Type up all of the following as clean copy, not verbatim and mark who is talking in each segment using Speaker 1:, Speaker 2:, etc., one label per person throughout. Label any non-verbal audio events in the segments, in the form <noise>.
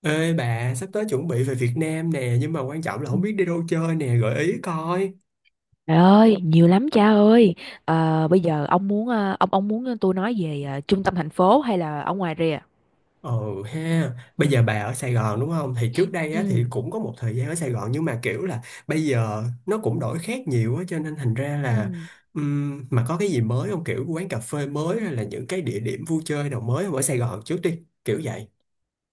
Speaker 1: Ê bà, sắp tới chuẩn bị về Việt Nam nè, nhưng mà quan trọng là không biết đi đâu chơi nè, gợi ý coi.
Speaker 2: Trời ơi, nhiều lắm cha ơi. Bây giờ ông muốn ông muốn tôi nói về trung tâm thành phố hay là ở ngoài rìa?
Speaker 1: Ừ ha, bây giờ bà ở Sài Gòn đúng không? Thì trước đây á,
Speaker 2: Ừ.
Speaker 1: thì cũng có một thời gian ở Sài Gòn nhưng mà kiểu là bây giờ nó cũng đổi khác nhiều á, cho nên thành ra là
Speaker 2: Ừ.
Speaker 1: mà có cái gì mới không? Kiểu quán cà phê mới hay là những cái địa điểm vui chơi nào mới không ở Sài Gòn trước đi, kiểu vậy.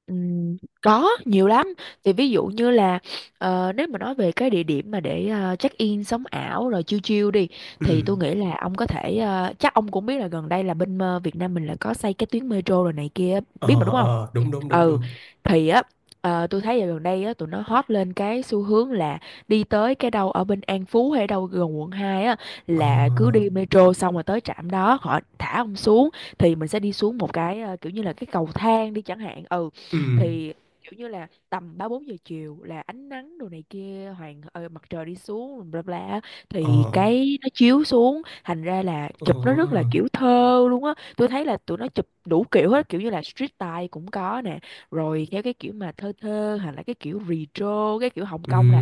Speaker 2: Có nhiều lắm, thì ví dụ như là nếu mà nói về cái địa điểm mà để check in sống ảo rồi chill chill đi, thì
Speaker 1: Ừ,
Speaker 2: tôi nghĩ là ông có thể, chắc ông cũng biết là gần đây là bên Việt Nam mình là có xây cái tuyến metro rồi này kia biết mà
Speaker 1: ờ,
Speaker 2: đúng không?
Speaker 1: ờ, đúng đúng đúng
Speaker 2: Ừ,
Speaker 1: đúng.
Speaker 2: thì á, tôi thấy dạo gần đây á tụi nó hot lên cái xu hướng là đi tới cái đâu ở bên An Phú hay đâu gần quận 2 á,
Speaker 1: Ờ,
Speaker 2: là cứ đi metro xong rồi tới trạm đó họ thả ông xuống, thì mình sẽ đi xuống một cái kiểu như là cái cầu thang đi chẳng hạn. Ừ,
Speaker 1: ừ,
Speaker 2: thì kiểu như là tầm ba bốn giờ chiều là ánh nắng đồ này kia hoàng mặt trời đi xuống bla bla á,
Speaker 1: ờ,
Speaker 2: thì cái nó chiếu xuống thành ra là
Speaker 1: ờ,
Speaker 2: chụp nó rất là kiểu thơ luôn á. Tôi thấy là tụi nó chụp đủ kiểu hết, kiểu như là street style cũng có nè, rồi theo cái kiểu mà thơ thơ, hoặc là cái kiểu retro, cái kiểu Hồng
Speaker 1: ừ.
Speaker 2: Kông, là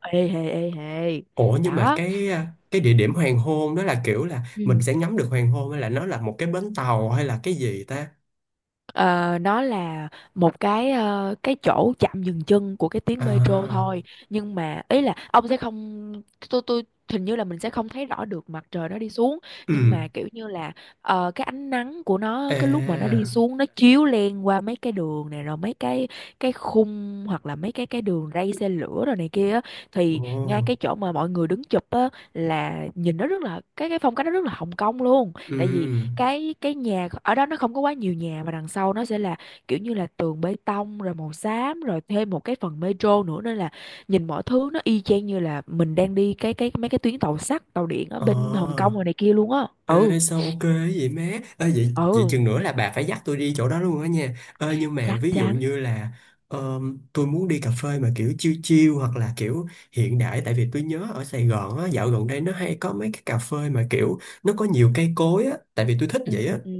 Speaker 2: ê hề
Speaker 1: Ủa nhưng mà
Speaker 2: đó.
Speaker 1: cái địa điểm hoàng hôn đó là kiểu là mình sẽ ngắm được hoàng hôn hay là nó là một cái bến tàu hay là cái gì ta?
Speaker 2: Ờ, nó là một cái cái chỗ chạm dừng chân của cái tuyến metro
Speaker 1: À,
Speaker 2: thôi, nhưng mà ý là ông sẽ không, tôi hình như là mình sẽ không thấy rõ được mặt trời nó đi xuống,
Speaker 1: ừ,
Speaker 2: nhưng mà kiểu như là cái ánh nắng của nó cái lúc mà nó đi
Speaker 1: à,
Speaker 2: xuống nó chiếu len qua mấy cái đường này rồi mấy cái khung, hoặc là mấy cái đường ray xe lửa rồi này kia á, thì ngay
Speaker 1: ồ,
Speaker 2: cái chỗ mà mọi người đứng chụp á, là nhìn nó rất là cái, phong cách nó rất là Hồng Kông luôn, tại vì
Speaker 1: ừ,
Speaker 2: cái nhà ở đó nó không có quá nhiều nhà mà đằng sau nó sẽ là kiểu như là tường bê tông rồi màu xám rồi thêm một cái phần metro nữa, nên là nhìn mọi thứ nó y chang như là mình đang đi cái mấy cái tuyến tàu sắt tàu điện ở
Speaker 1: ờ,
Speaker 2: bên Hồng Kông rồi này kia luôn á. Ừ.
Speaker 1: ê sao ok vậy má? Ê vậy, vậy
Speaker 2: Ừ,
Speaker 1: chừng nữa là bà phải dắt tôi đi chỗ đó luôn á nha. Ê nhưng mà
Speaker 2: chắc
Speaker 1: ví dụ
Speaker 2: chắn.
Speaker 1: như là tôi muốn đi cà phê mà kiểu chill chill hoặc là kiểu hiện đại tại vì tôi nhớ ở Sài Gòn á, dạo gần đây nó hay có mấy cái cà phê mà kiểu nó có nhiều cây cối á, tại vì tôi thích
Speaker 2: Ừ.
Speaker 1: vậy á.
Speaker 2: Ừ. Ừ.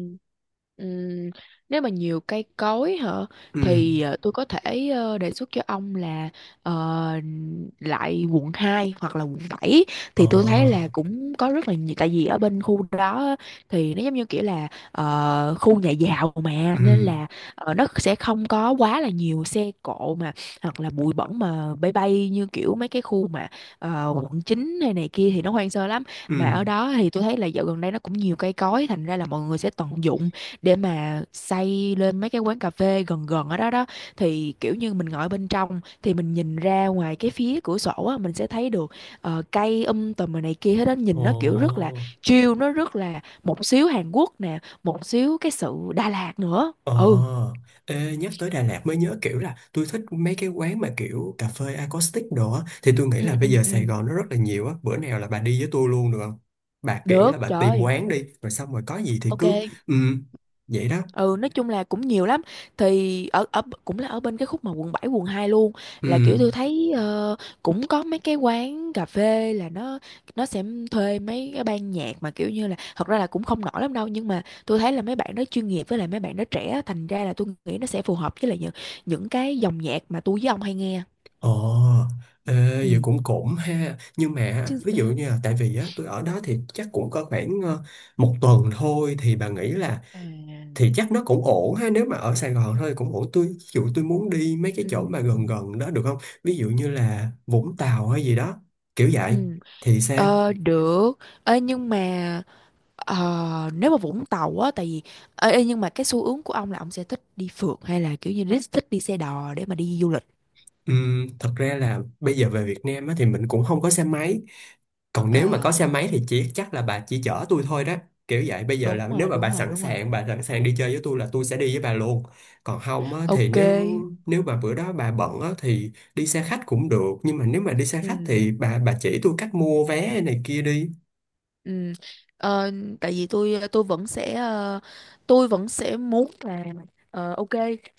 Speaker 2: Ừm, nếu mà nhiều cây cối hả,
Speaker 1: Ừ,
Speaker 2: thì tôi có thể đề xuất cho ông là, ờ, lại quận 2 hoặc là quận bảy, thì tôi thấy là
Speaker 1: ờ,
Speaker 2: cũng có rất là nhiều, tại vì ở bên khu đó á, thì nó giống như kiểu là khu nhà giàu mà
Speaker 1: ừ,
Speaker 2: nên là nó sẽ không có quá là nhiều xe cộ, mà hoặc là bụi bẩn mà bay bay như kiểu mấy cái khu mà quận 9 hay này kia thì nó hoang sơ lắm.
Speaker 1: ừ,
Speaker 2: Mà ở đó thì tôi thấy là dạo gần đây nó cũng nhiều cây cối, thành ra là mọi người sẽ tận dụng để mà xây lên mấy cái quán cà phê gần gần ở đó đó, thì kiểu như mình ngồi bên trong thì mình nhìn ra ngoài cái phía cửa sổ á, mình sẽ thấy được cây tùm rồi này kia hết đó, nhìn nó kiểu rất là
Speaker 1: ồ,
Speaker 2: chill, nó rất là một xíu Hàn Quốc nè, một xíu cái sự Đà Lạt nữa.
Speaker 1: ờ.
Speaker 2: Ừ.
Speaker 1: Ê, nhắc tới Đà Lạt mới nhớ kiểu là tôi thích mấy cái quán mà kiểu cà phê acoustic đồ á thì tôi nghĩ
Speaker 2: Ừ.
Speaker 1: là
Speaker 2: Ừ.
Speaker 1: bây giờ
Speaker 2: Ừ,
Speaker 1: Sài Gòn nó rất là nhiều á, bữa nào là bà đi với tôi luôn được không, bà kiểu là
Speaker 2: được
Speaker 1: bà tìm
Speaker 2: trời.
Speaker 1: quán đi rồi xong rồi có gì thì
Speaker 2: Ok.
Speaker 1: cứ. Ừ, vậy đó.
Speaker 2: Ừ, nói chung là cũng nhiều lắm, thì ở ở cũng là ở bên cái khúc mà quận 7 quận 2 luôn, là kiểu
Speaker 1: Ừ,
Speaker 2: tôi thấy cũng có mấy cái quán cà phê là nó sẽ thuê mấy cái ban nhạc mà kiểu như là thật ra là cũng không nổi lắm đâu, nhưng mà tôi thấy là mấy bạn đó chuyên nghiệp, với lại mấy bạn đó trẻ, thành ra là tôi nghĩ nó sẽ phù hợp với lại những cái dòng nhạc mà tôi với ông hay nghe.
Speaker 1: ờ. Ê,
Speaker 2: Ừ,
Speaker 1: vậy cũng cũng ha, nhưng mà
Speaker 2: chứ
Speaker 1: ví dụ
Speaker 2: sao.
Speaker 1: như là tại vì á tôi ở đó thì chắc cũng có khoảng một tuần thôi thì bà nghĩ là
Speaker 2: À,
Speaker 1: thì chắc nó cũng ổn ha, nếu mà ở Sài Gòn thôi thì cũng ổn, tôi ví dụ tôi muốn đi mấy cái chỗ mà gần
Speaker 2: ừ
Speaker 1: gần đó được không, ví dụ như là Vũng Tàu hay gì đó kiểu vậy
Speaker 2: ừ.
Speaker 1: thì sao.
Speaker 2: Ờ, được. Ê, nhưng mà nếu mà Vũng Tàu á, tại vì ê, ê, nhưng mà cái xu hướng của ông là ông sẽ thích đi phượt hay là kiểu như thích thích đi xe đò để mà đi du lịch?
Speaker 1: Thật ra là bây giờ về Việt Nam á, thì mình cũng không có xe máy, còn nếu mà có
Speaker 2: À,
Speaker 1: xe máy thì chỉ chắc là bà chỉ chở tôi thôi đó, kiểu vậy. Bây giờ
Speaker 2: đúng
Speaker 1: là nếu
Speaker 2: rồi
Speaker 1: mà
Speaker 2: đúng
Speaker 1: bà
Speaker 2: rồi
Speaker 1: sẵn
Speaker 2: đúng rồi.
Speaker 1: sàng bà sẵn sàng đi chơi với tôi là tôi sẽ đi với bà luôn, còn không á, thì
Speaker 2: Ok.
Speaker 1: nếu nếu mà bữa đó bà bận á, thì đi xe khách cũng được, nhưng mà nếu mà đi xe khách
Speaker 2: Ừ.
Speaker 1: thì bà chỉ tôi cách mua vé này kia đi.
Speaker 2: Ừ. Ờ, tại vì tôi vẫn sẽ tôi vẫn sẽ muốn là ok,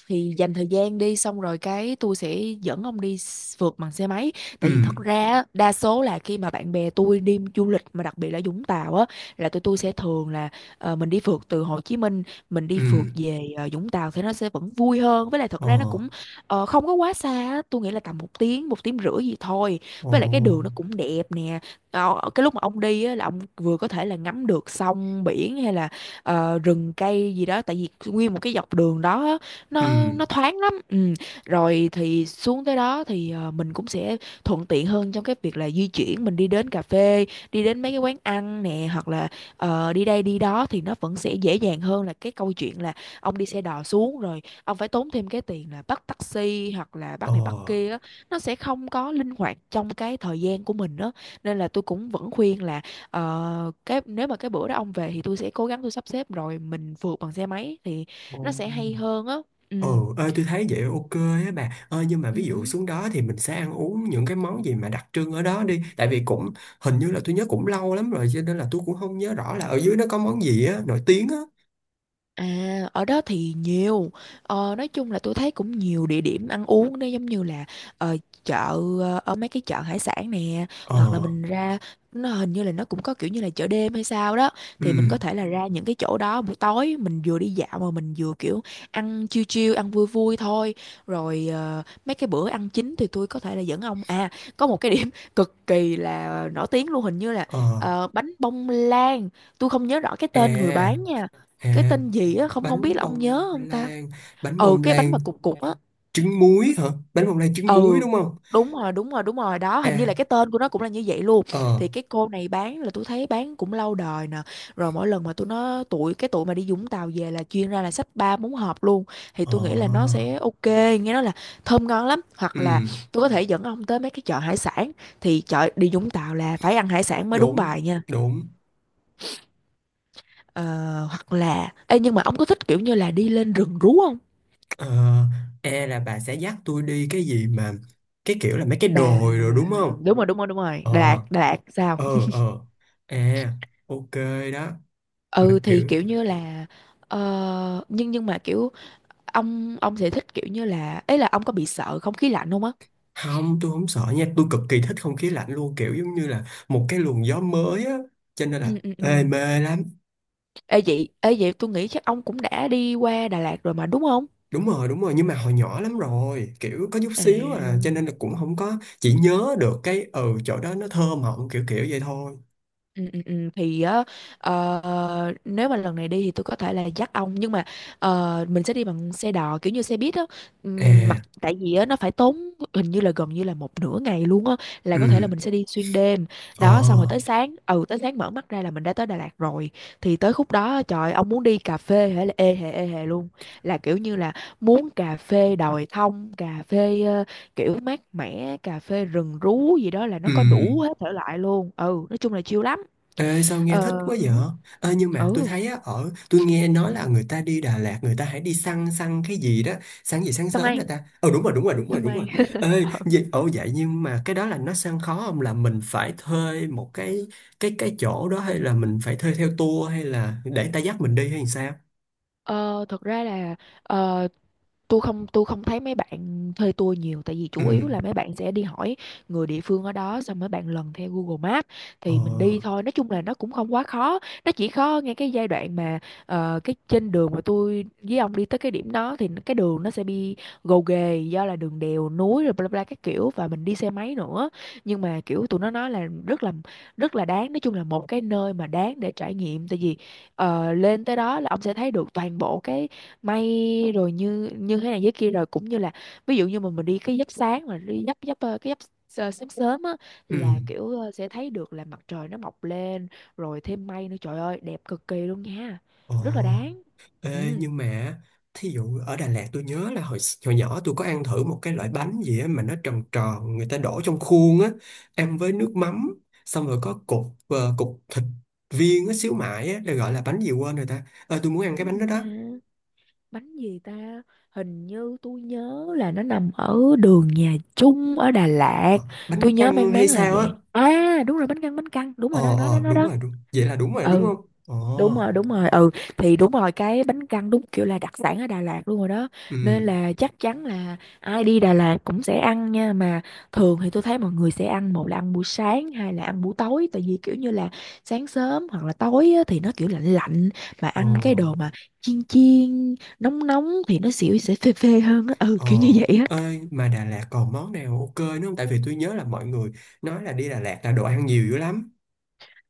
Speaker 2: thì dành thời gian đi xong rồi cái tôi sẽ dẫn ông đi phượt bằng xe máy,
Speaker 1: Ừ,
Speaker 2: tại vì thật ra á, đa số là khi mà bạn bè tôi đi du lịch mà đặc biệt là Vũng Tàu á, là tụi tôi sẽ thường là mình đi phượt từ Hồ Chí Minh, mình đi
Speaker 1: ừ,
Speaker 2: phượt về Vũng Tàu thì nó sẽ vẫn vui hơn, với lại thật
Speaker 1: ờ,
Speaker 2: ra nó cũng không có quá xa á. Tôi nghĩ là tầm một tiếng rưỡi gì thôi.
Speaker 1: ờ,
Speaker 2: Với lại cái đường nó cũng đẹp nè. Ờ, cái lúc mà ông đi á, là ông vừa có thể là ngắm được sông biển hay là rừng cây gì đó, tại vì nguyên một cái dọc đường đó á,
Speaker 1: ừ,
Speaker 2: nó thoáng lắm. Ừ. Rồi thì xuống tới đó thì mình cũng sẽ thuận tiện hơn trong cái việc là di chuyển, mình đi đến cà phê, đi đến mấy cái quán ăn nè, hoặc là đi đây đi đó, thì nó vẫn sẽ dễ dàng hơn là cái câu chuyện là ông đi xe đò xuống rồi ông phải tốn thêm cái tiền là bắt taxi hoặc là
Speaker 1: ờ,
Speaker 2: bắt này bắt kia á. Nó sẽ không có linh hoạt trong cái thời gian của mình đó, nên là tôi cũng vẫn khuyên là cái nếu mà cái bữa đó ông về thì tôi sẽ cố gắng tôi sắp xếp rồi mình vượt bằng xe máy thì
Speaker 1: ờ,
Speaker 2: nó sẽ hay hơn á. Ừ.
Speaker 1: ờ, ơi tôi thấy vậy ok. Á bà ơi nhưng mà ví
Speaker 2: Ừ.
Speaker 1: dụ
Speaker 2: Ừ.
Speaker 1: xuống đó thì mình sẽ ăn uống những cái món gì mà đặc trưng ở đó đi, tại vì cũng hình như là tôi nhớ cũng lâu lắm rồi cho nên là tôi cũng không nhớ rõ là ở dưới nó có món gì á nổi tiếng á.
Speaker 2: À, ở đó thì nhiều. Ờ, nói chung là tôi thấy cũng nhiều địa điểm ăn uống đó, giống như là ờ, chợ, ở mấy cái chợ hải sản nè,
Speaker 1: Ờ,
Speaker 2: hoặc là mình ra, nó hình như là nó cũng có kiểu như là chợ đêm hay sao đó, thì mình có
Speaker 1: ừ,
Speaker 2: thể là ra những cái chỗ đó buổi tối, mình vừa đi dạo mà mình vừa kiểu ăn chill chill, ăn vui vui thôi. Rồi mấy cái bữa ăn chính thì tôi có thể là dẫn ông, à, có một cái điểm <laughs> cực kỳ là nổi tiếng luôn, hình như là
Speaker 1: ờ,
Speaker 2: bánh bông lan. Tôi không nhớ rõ cái tên người
Speaker 1: à,
Speaker 2: bán nha, cái
Speaker 1: à,
Speaker 2: tên gì á, không không biết
Speaker 1: bánh
Speaker 2: là ông
Speaker 1: bông
Speaker 2: nhớ không ta.
Speaker 1: lan, bánh
Speaker 2: Ừ,
Speaker 1: bông
Speaker 2: cái bánh
Speaker 1: lan
Speaker 2: mà cục cục á.
Speaker 1: trứng muối hả, bánh bông lan trứng muối
Speaker 2: Ừ,
Speaker 1: đúng không.
Speaker 2: đúng rồi đúng rồi đúng rồi đó, hình như
Speaker 1: À,
Speaker 2: là cái tên của nó cũng là như vậy luôn.
Speaker 1: ờ,
Speaker 2: Thì cái cô này bán là tôi thấy bán cũng lâu đời nè, rồi mỗi lần mà tôi nó tụi cái tụi mà đi Vũng Tàu về là chuyên ra là xách ba bốn hộp luôn, thì
Speaker 1: ờ,
Speaker 2: tôi nghĩ là nó sẽ ok. Nghe nói là thơm ngon lắm. Hoặc
Speaker 1: ừ,
Speaker 2: là tôi có thể dẫn ông tới mấy cái chợ hải sản, thì chợ đi Vũng Tàu là phải ăn hải sản mới đúng
Speaker 1: đúng
Speaker 2: bài nha.
Speaker 1: đúng.
Speaker 2: Ờ, hoặc là ê, nhưng mà ông có thích kiểu như là đi lên rừng rú không?
Speaker 1: Ờ, e là bà sẽ dắt tôi đi cái gì mà cái kiểu là mấy cái
Speaker 2: Đà
Speaker 1: đồi rồi đúng không.
Speaker 2: Đúng rồi đúng rồi đúng rồi,
Speaker 1: Ờ,
Speaker 2: Đà Lạt Đà Lạt sao.
Speaker 1: ờ, ờ, à, ok, đó, mà
Speaker 2: Ừ, thì
Speaker 1: kiểu
Speaker 2: kiểu như là nhưng mà kiểu ông sẽ thích kiểu như là ấy, là ông có bị sợ không khí lạnh không á?
Speaker 1: không tôi không sợ nha, tôi cực kỳ thích không khí lạnh luôn, kiểu giống như là một cái luồng gió mới á, cho nên là
Speaker 2: Ừ. Ừ. Ừ.
Speaker 1: ê mê lắm.
Speaker 2: Ê vậy, ê vậy tôi nghĩ chắc ông cũng đã đi qua Đà Lạt rồi mà đúng không?
Speaker 1: Đúng rồi đúng rồi, nhưng mà hồi nhỏ lắm rồi kiểu có chút
Speaker 2: À.
Speaker 1: xíu à, cho nên là cũng không có chỉ nhớ được cái ừ chỗ đó nó thơ mộng kiểu kiểu vậy thôi.
Speaker 2: Ừ, ừ, ừ. Thì á, nếu mà lần này đi thì tôi có thể là dắt ông, nhưng mà mình sẽ đi bằng xe đò kiểu như xe buýt á. Mặc
Speaker 1: À,
Speaker 2: tại vì á nó phải tốn hình như là gần như là một nửa ngày luôn á, là có thể là
Speaker 1: ừ,
Speaker 2: mình sẽ đi xuyên đêm
Speaker 1: ờ,
Speaker 2: đó, xong rồi tới sáng, ừ, tới sáng mở mắt ra là mình đã tới Đà Lạt rồi. Thì tới khúc đó á, trời, ông muốn đi cà phê hay là ê hề luôn, là kiểu như là muốn cà phê đồi thông, cà phê kiểu mát mẻ, cà phê rừng rú gì đó, là nó
Speaker 1: ừ.
Speaker 2: có đủ hết thể loại luôn. Ừ, nói chung là chill lắm.
Speaker 1: Ê, sao nghe thích
Speaker 2: Ờ,
Speaker 1: quá vậy? Ê, nhưng mà tôi
Speaker 2: ừ,
Speaker 1: thấy á, ở tôi nghe nói là người ta đi Đà Lạt người ta hãy đi săn săn cái gì đó, săn gì sáng
Speaker 2: xong
Speaker 1: sớm nè
Speaker 2: anh,
Speaker 1: ta. Ờ, đúng rồi đúng rồi đúng rồi
Speaker 2: xong
Speaker 1: đúng rồi.
Speaker 2: anh.
Speaker 1: Ê,
Speaker 2: <laughs>
Speaker 1: vậy, ồ vậy nhưng mà cái đó là nó săn khó không, là mình phải thuê một cái cái chỗ đó hay là mình phải thuê theo tour hay là để người ta dắt mình đi hay sao.
Speaker 2: Ờ, thật ra là ờ, tôi không thấy mấy bạn thuê tour nhiều, tại vì
Speaker 1: Ừ,
Speaker 2: chủ yếu là mấy bạn sẽ đi hỏi người địa phương ở đó, xong mấy bạn lần theo Google Maps
Speaker 1: ờ,
Speaker 2: thì mình đi thôi. Nói chung là nó cũng không quá khó, nó chỉ khó ngay cái giai đoạn mà cái trên đường mà tôi với ông đi tới cái điểm đó, thì cái đường nó sẽ bị gồ ghề do là đường đèo núi rồi bla bla các kiểu, và mình đi xe máy nữa. Nhưng mà kiểu tụi nó nói là rất là đáng. Nói chung là một cái nơi mà đáng để trải nghiệm, tại vì lên tới đó là ông sẽ thấy được toàn bộ cái may rồi, như như thế này thế kia, rồi cũng như là ví dụ như mà mình đi cái giấc sáng, mà đi giấc giấc ờ, cái giấc sớm sớm á,
Speaker 1: ừ,
Speaker 2: là kiểu sẽ thấy được là mặt trời nó mọc lên rồi thêm mây nữa, trời ơi đẹp cực kỳ luôn nha,
Speaker 1: ờ.
Speaker 2: rất là đáng.
Speaker 1: Ê,
Speaker 2: Ừ.
Speaker 1: nhưng mà thí dụ ở Đà Lạt tôi nhớ là hồi hồi nhỏ tôi có ăn thử một cái loại bánh gì á mà nó tròn tròn người ta đổ trong khuôn á, ăn với nước mắm xong rồi có cục cục thịt viên á, xíu mại á, là gọi là bánh gì quên rồi ta. Ờ, tôi muốn ăn cái
Speaker 2: Bánh
Speaker 1: bánh đó
Speaker 2: gì
Speaker 1: đó.
Speaker 2: ta? Bánh gì ta? Hình như tôi nhớ là nó nằm ở đường Nhà Trung ở Đà Lạt.
Speaker 1: Ờ, bánh
Speaker 2: Tôi nhớ
Speaker 1: căn
Speaker 2: mang
Speaker 1: hay
Speaker 2: máng là
Speaker 1: sao á.
Speaker 2: vậy, à đúng rồi, bánh căn, bánh căn đúng
Speaker 1: Ờ,
Speaker 2: rồi đó, nó đó,
Speaker 1: ờ,
Speaker 2: nó
Speaker 1: đúng
Speaker 2: đó.
Speaker 1: rồi đúng vậy là đúng rồi
Speaker 2: Ừ.
Speaker 1: đúng
Speaker 2: Ừ,
Speaker 1: không. Ờ,
Speaker 2: đúng rồi, đúng rồi, ừ. Thì đúng rồi, cái bánh căn đúng kiểu là đặc sản ở Đà Lạt luôn rồi đó, nên
Speaker 1: ừ,
Speaker 2: là chắc chắn là ai đi Đà Lạt cũng sẽ ăn nha. Mà thường thì tôi thấy mọi người sẽ ăn, một là ăn buổi sáng, hai là ăn buổi tối, tại vì kiểu như là sáng sớm hoặc là tối á, thì nó kiểu lạnh lạnh, mà
Speaker 1: ờ,
Speaker 2: ăn cái đồ mà chiên chiên nóng nóng thì nó xỉu, sẽ phê phê hơn á, ừ
Speaker 1: ờ,
Speaker 2: kiểu như vậy á.
Speaker 1: ơi mà Đà Lạt còn món nào ok nữa không, tại vì tôi nhớ là mọi người nói là đi Đà Lạt là đồ ăn nhiều dữ lắm.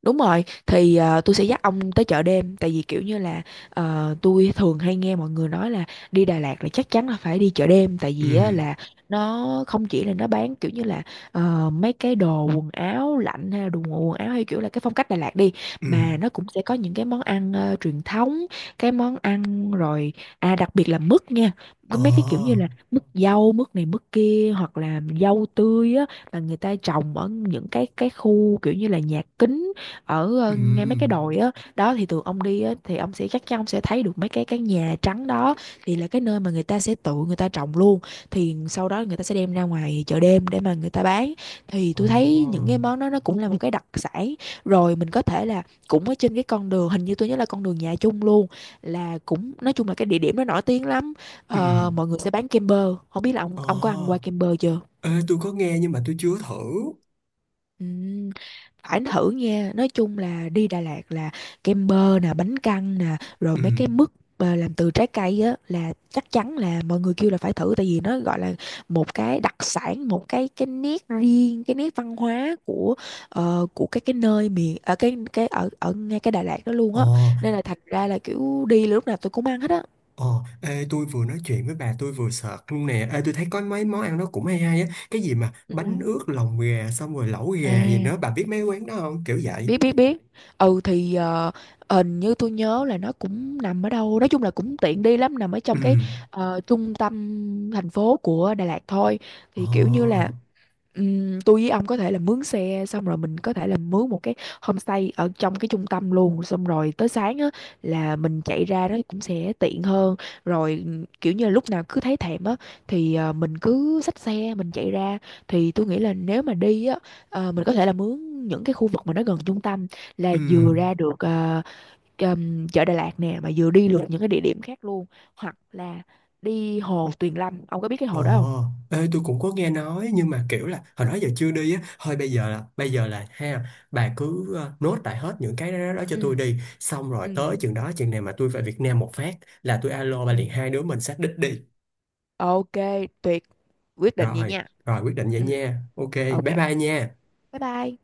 Speaker 2: Đúng rồi, thì tôi sẽ dắt ông tới chợ đêm, tại vì kiểu như là tôi thường hay nghe mọi người nói là đi Đà Lạt là chắc chắn là phải đi chợ đêm, tại
Speaker 1: Ừ,
Speaker 2: vì á, là nó không chỉ là nó bán kiểu như là mấy cái đồ quần áo lạnh, hay là đồ quần áo, hay kiểu là cái phong cách Đà Lạt đi,
Speaker 1: ừ,
Speaker 2: mà nó cũng sẽ có những cái món ăn truyền thống, cái món ăn. Rồi à, đặc biệt là mứt nha. Có
Speaker 1: ờ,
Speaker 2: mấy cái kiểu như là mứt dâu, mứt này mứt kia, hoặc là dâu tươi á, mà người ta trồng ở những cái khu kiểu như là nhà kính, ở ngay mấy cái
Speaker 1: ừ,
Speaker 2: đồi á đó. Thì tụi ông đi á thì ông sẽ, chắc chắn ông sẽ thấy được mấy cái nhà trắng đó, thì là cái nơi mà người ta sẽ tự người ta trồng luôn, thì sau đó người ta sẽ đem ra ngoài chợ đêm để mà người ta bán. Thì tôi thấy những
Speaker 1: ờ,
Speaker 2: cái món đó nó cũng là một cái đặc sản. Rồi mình có thể là cũng ở trên cái con đường, hình như tôi nhớ là con đường Nhà Chung luôn, là cũng, nói chung là cái địa điểm nó nổi tiếng lắm.
Speaker 1: ừ,
Speaker 2: Ờ, mọi người sẽ bán kem bơ, không biết là ông
Speaker 1: ờ.
Speaker 2: ông có ăn qua kem bơ chưa.
Speaker 1: Ê, tôi có nghe nhưng mà tôi chưa thử.
Speaker 2: Ừm, phải thử nha, nói chung là đi Đà Lạt là kem bơ nè, bánh căn nè, rồi
Speaker 1: Ừ,
Speaker 2: mấy cái mứt làm từ trái cây á, là chắc chắn là mọi người kêu là phải thử, tại vì nó gọi là một cái đặc sản, một cái nét riêng, cái nét văn hóa của của cái nơi miền, ở cái ở ở ngay cái Đà Lạt đó luôn
Speaker 1: ờ,
Speaker 2: á, nên là thật ra là kiểu đi lúc nào tôi cũng ăn hết á.
Speaker 1: ờ. Ê tôi vừa nói chuyện với bà tôi vừa sợt luôn nè, ê tôi thấy có mấy món ăn nó cũng hay hay á, cái gì mà bánh
Speaker 2: Ừm.
Speaker 1: ướt lòng gà xong rồi lẩu
Speaker 2: À,
Speaker 1: gà gì nữa, bà biết mấy quán đó không kiểu vậy.
Speaker 2: biết biết biết. Ừ, thì hình như tôi nhớ là nó cũng nằm ở đâu, nói chung là cũng tiện đi lắm, nằm ở
Speaker 1: Ừ,
Speaker 2: trong cái trung tâm thành phố của Đà Lạt thôi. Thì kiểu như
Speaker 1: ờ,
Speaker 2: là tôi với ông có thể là mướn xe, xong rồi mình có thể là mướn một cái homestay ở trong cái trung tâm luôn, xong rồi tới sáng á là mình chạy ra nó cũng sẽ tiện hơn. Rồi kiểu như là lúc nào cứ thấy thèm á thì mình cứ xách xe mình chạy ra. Thì tôi nghĩ là nếu mà đi á, ờ, mình có thể là mướn những cái khu vực mà nó gần trung tâm, là
Speaker 1: Ừ.
Speaker 2: vừa ra được chợ Đà Lạt nè, mà vừa đi được những cái địa điểm khác luôn, hoặc là đi hồ Tuyền Lâm. Ông có biết cái
Speaker 1: Ồ,
Speaker 2: hồ đó không?
Speaker 1: ê, tôi cũng có nghe nói nhưng mà kiểu là hồi đó giờ chưa đi á, thôi bây giờ là ha, bà cứ nốt lại hết những cái đó, đó cho tôi
Speaker 2: Ừ.
Speaker 1: đi, xong rồi
Speaker 2: Ừ.
Speaker 1: tới chừng đó chừng nào mà tôi về Việt Nam một phát là tôi alo bà
Speaker 2: Ừ.
Speaker 1: liền hai đứa mình xác đích đi.
Speaker 2: Ok, tuyệt, quyết định vậy
Speaker 1: Rồi,
Speaker 2: nha.
Speaker 1: rồi quyết định vậy
Speaker 2: Ừ.
Speaker 1: nha. Ok,
Speaker 2: Ok,
Speaker 1: bye bye nha.
Speaker 2: bye bye.